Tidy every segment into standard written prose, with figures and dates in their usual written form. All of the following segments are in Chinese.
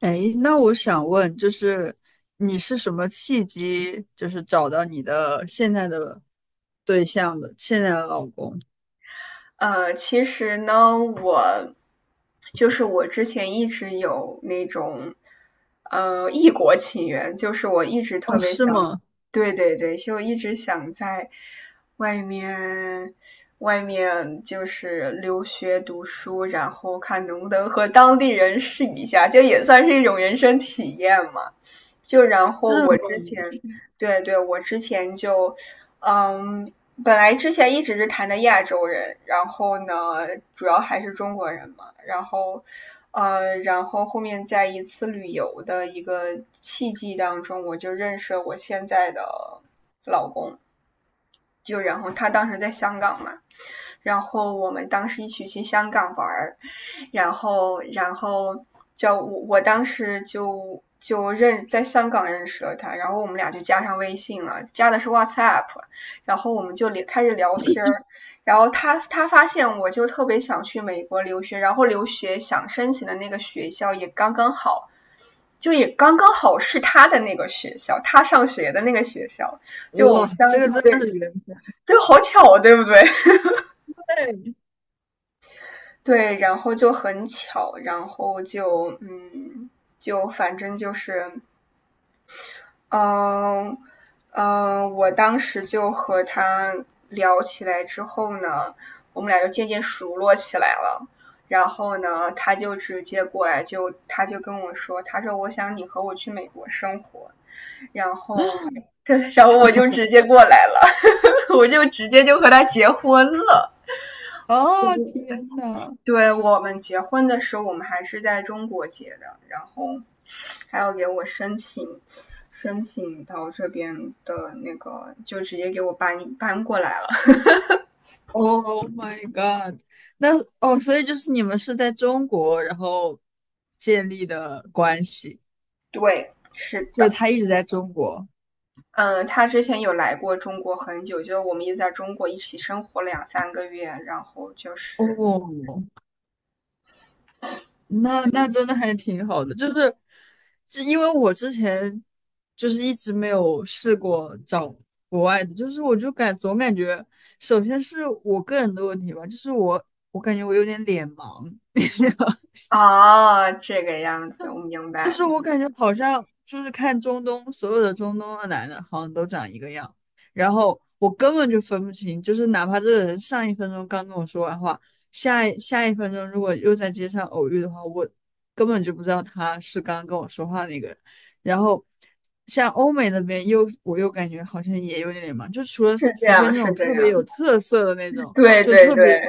哎，那我想问，就是你是什么契机，就是找到你的现在的对象的，现在的老公？其实呢，就是我之前一直有那种异国情缘，就是我一直特哦，别是想。吗？对对对，就一直想在外面外面就是留学读书，然后看能不能和当地人试一下，就也算是一种人生体验嘛。就然是后我之吗？前，对对，我之前就，嗯，本来之前一直是谈的亚洲人，然后呢，主要还是中国人嘛。然后，然后后面在一次旅游的一个契机当中，我就认识了我现在的老公。就然后他当时在香港嘛，然后我们当时一起去香港玩儿。然后叫我我当时就在香港认识了他，然后我们俩就加上微信了，加的是 WhatsApp。然后我们就开始聊天儿。然后他发现我就特别想去美国留学，然后留学想申请的那个学校也刚刚好。就也刚刚好是他的那个学校，他上学的那个学校。就我们哇，相这个真的对，是缘分。对，好巧啊，对不对？对，对，然后就很巧，然后就就反正就是。嗯我当时就和他聊起来之后呢，我们俩就渐渐熟络起来了。然后呢，他就直接过来就，他就跟我说，他说我想你和我去美国生活。然后，对，然后我就直接过来了。我就直接就和他结婚了。哦，天呐 对，我们结婚的时候，我们还是在中国结的，然后还要给我申请，申请到这边的那个，就直接给我搬过来了。o h my God！那哦，所以就是你们是在中国，然后建立的关系，对，是就是的。他一直在中国。嗯，他之前有来过中国很久，就我们也在中国一起生活了两三个月。然后就是哦，那那真的还挺好的，就是，就因为我之前就是一直没有试过找国外的，就是我就感总感觉，首先是我个人的问题吧，就是我感觉我有点脸盲，啊，这个样子，我明就白。是我嗯感觉好像就是看中东，所有的中东的男的好像都长一个样，然后我根本就分不清，就是哪怕这个人上一分钟刚跟我说完话，下一分钟如果又在街上偶遇的话，我根本就不知道他是刚刚跟我说话那个人。然后像欧美那边我又感觉好像也有点忙，就除了是这除非样，那是种这特别样。有特色的那 种，对就对特对别，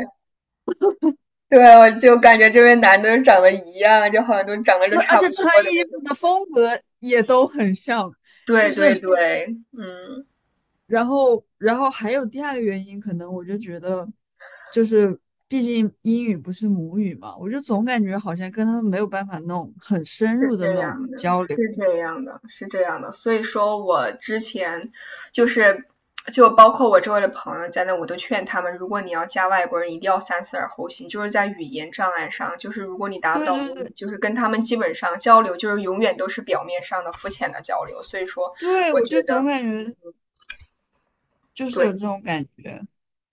对，我就感觉这边男的都长得一样，就好像都长得都而差不且穿多的衣服的风格也都很像，对就对是。对，嗯，然后，然后还有第二个原因，可能我就觉得，就是毕竟英语不是母语嘛，我就总感觉好像跟他们没有办法弄很深是入的这那样种的，交流。是这样的，是这样的。所以说我之前就是，就包括我周围的朋友在那，我都劝他们，如果你要加外国人，一定要三思而后行，就是在语言障碍上，就是如果你达不对到对母语，对就是跟他们基本上交流，就是永远都是表面上的肤浅的交流。所以说，对，我我觉就总得感觉就是对。有这种感觉，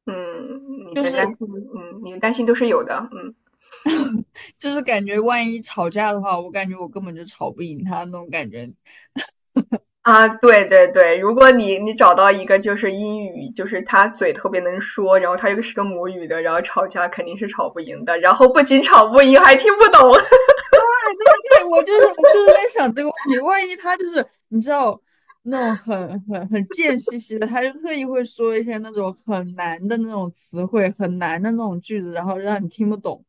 嗯，你的担心，都是有的，嗯。就是感觉万一吵架的话，我感觉我根本就吵不赢他那种感觉。啊，对对对，如果你找到一个就是英语，就是他嘴特别能说，然后他又是个母语的，然后吵架肯定是吵不赢的，然后不仅吵不赢，还听不懂。对，我就是在想这个问题，万一他就是你知道那种很贱兮兮的，他就特意会说一些那种很难的那种词汇，很难的那种句子，然后让你听不懂。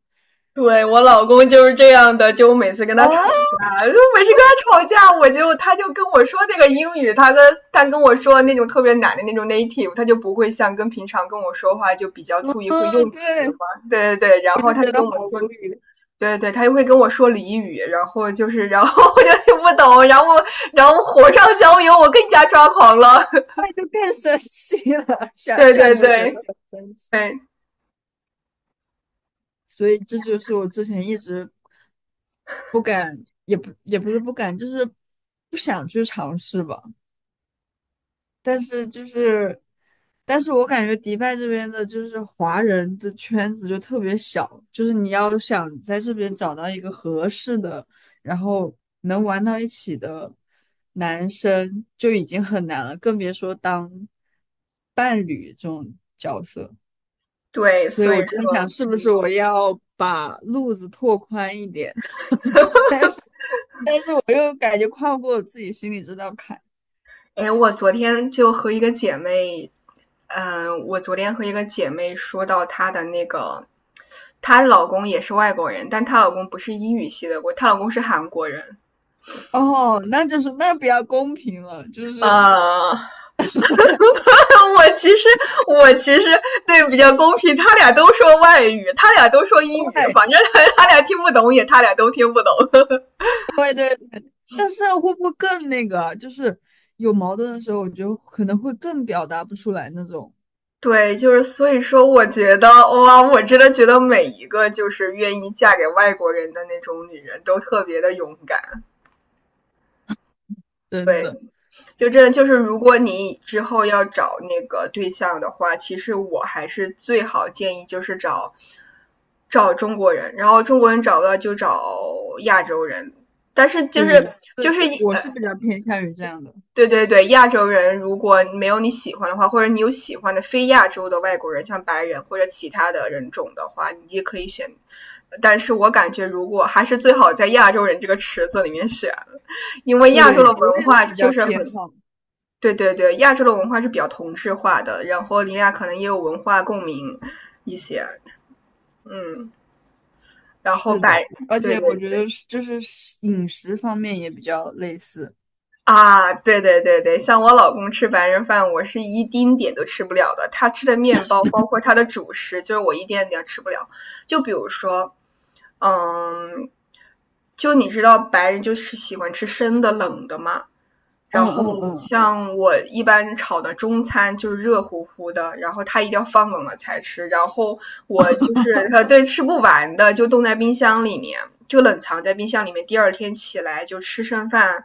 对，我老公就是这样的，就我每次跟哦，他吵架，就每次跟他吵架，他就跟我说那个英语，他跟我说那种特别难的那种 native。他就不会像跟平常跟我说话就比较注意会嗯，用词对，嘛，对对对，然我后就他觉就得跟我好说，无语，对对，他就会跟我说俚语，然后就是，然后 我就听不懂，然后火上浇油，我更加抓狂了。那就更生气了，想对对想都觉对得很生气。对所以这就是我之前一直也不是不敢，就是不想去尝试吧。但是就是，但是我感觉迪拜这边的就是华人的圈子就特别小，就是你要想在这边找到一个合适的，然后能玩到一起的男生就已经很难了，更别说当伴侣这种角色。对，所以所以我就在说。想，是不是我要把路子拓宽一点？我又感觉跨不过我自己心里这道坎。哎，我昨天就和一个姐妹，我昨天和一个姐妹说到她的那个，她老公也是外国人，但她老公不是英语系的，她老公是韩国人。哦，那就是那比较公平了，就是 呃，我其实我其实对，比较公平，他俩都说外语，他俩都说英语，反正他俩都听不懂。但是啊会不会更那个啊？就是有矛盾的时候，我觉得可能会更表达不出来那种。对，就是所以说，我觉得哇，我真的觉得每一个就是愿意嫁给外国人的那种女人都特别的勇敢。真对，的，就真的就是，如果你之后要找那个对象的话，其实我还是最好建议就是找中国人，然后中国人找不到就找亚洲人。但是就对，是我是就是这我呃，是比较偏向于这样的，对对对，亚洲人如果没有你喜欢的话，或者你有喜欢的非亚洲的外国人，像白人或者其他的人种的话，你也可以选。但是我感觉，如果还是最好在亚洲人这个池子里面选，因为亚洲的对我文也化是比就较是偏很。好。对对对，亚洲的文化是比较同质化的，然后林雅可能也有文化共鸣一些，嗯。然后是白，的，而对且对我觉对得是就是饮食方面也比较类似。啊，对对对对，像我老公吃白人饭，我是一丁点都吃不了的，他吃的面包，包括他的主食，就是我一点点吃不了。就比如说，嗯，就你知道白人就是喜欢吃生的、冷的嘛。然嗯嗯后嗯，像我一般炒的中餐就是热乎乎的，然后他一定要放冷了才吃。然后我就是对，吃不完的就冻在冰箱里面，就冷藏在冰箱里面。第二天起来就吃剩饭，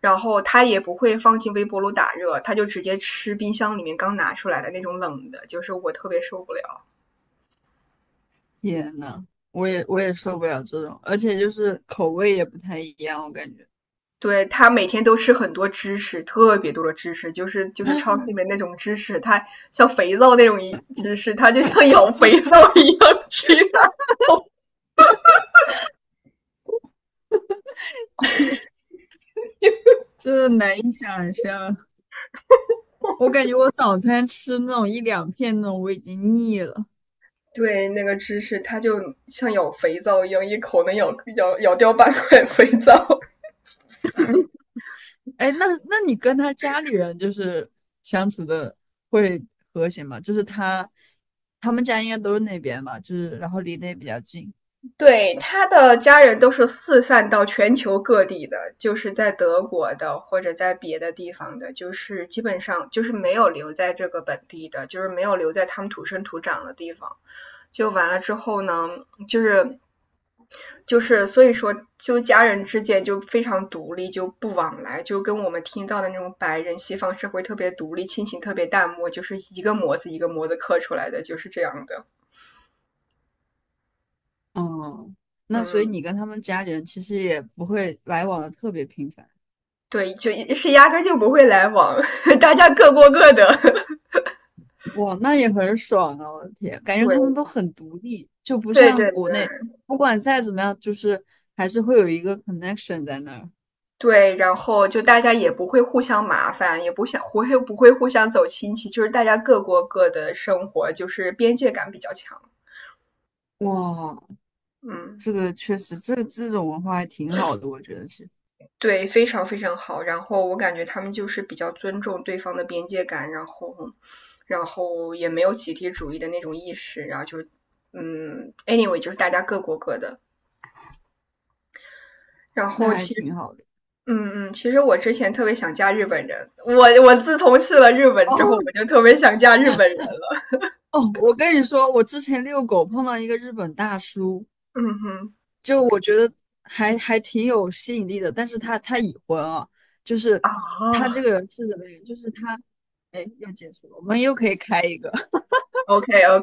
然后他也不会放进微波炉打热，他就直接吃冰箱里面刚拿出来的那种冷的，就是我特别受不了。天呐，我也受不了这种，而且就是口味也不太一样，我感觉对，他每天都吃很多芝士，特别多的芝士，就是超市里面那种芝士，它像肥皂那种一芝士，它就像咬肥皂一样吃的。真的难以想象。我感觉我早餐吃那种一两片那种，我已经腻了。对，那个芝士它就像咬肥皂一样，一口能咬掉半块肥皂。哎，那那你跟他家里人就是相处的会和谐吗？就是他他们家应该都是那边吧，就是然后离得也比较近，对，他的家人都是四散到全球各地的，就是在德国的或者在别的地方的，就是基本上就是没有留在这个本地的，就是没有留在他们土生土长的地方。就完了之后呢，就是就是，所以说，就家人之间就非常独立，就不往来，就跟我们听到的那种白人西方社会特别独立，亲情特别淡漠，就是一个模子一个模子刻出来的，就是这样的。哦。那所以嗯，你跟他们家里人其实也不会来往的特别频繁。对，就是压根就不会来往。大家各过各的。哇，那也很爽啊！我的天，感觉他们对都很独立，就不对像对国内，对不管再怎么样，就是还是会有一个 connection 在那儿。对，然后就大家也不会互相麻烦，也不会互相走亲戚，就是大家各过各的生活，就是边界感比较强，哇，嗯。这个确实，这种文化还挺好的，我觉得是，对，非常非常好。然后我感觉他们就是比较尊重对方的边界感，然后也没有集体主义的那种意识，然后就，嗯，anyway,就是大家各过各的。然那后还其实，挺好的。其实我之前特别想嫁日本人，我自从去了日本之后，我哦，就特别想嫁日本人了。哦，我跟你说，我之前遛狗碰到一个日本大叔，嗯哼，就我觉得还挺有吸引力的，但是他已婚啊，就是他啊这个人是怎么样？就是他，哎，又结束了，我们又可以开一个。，OK OK。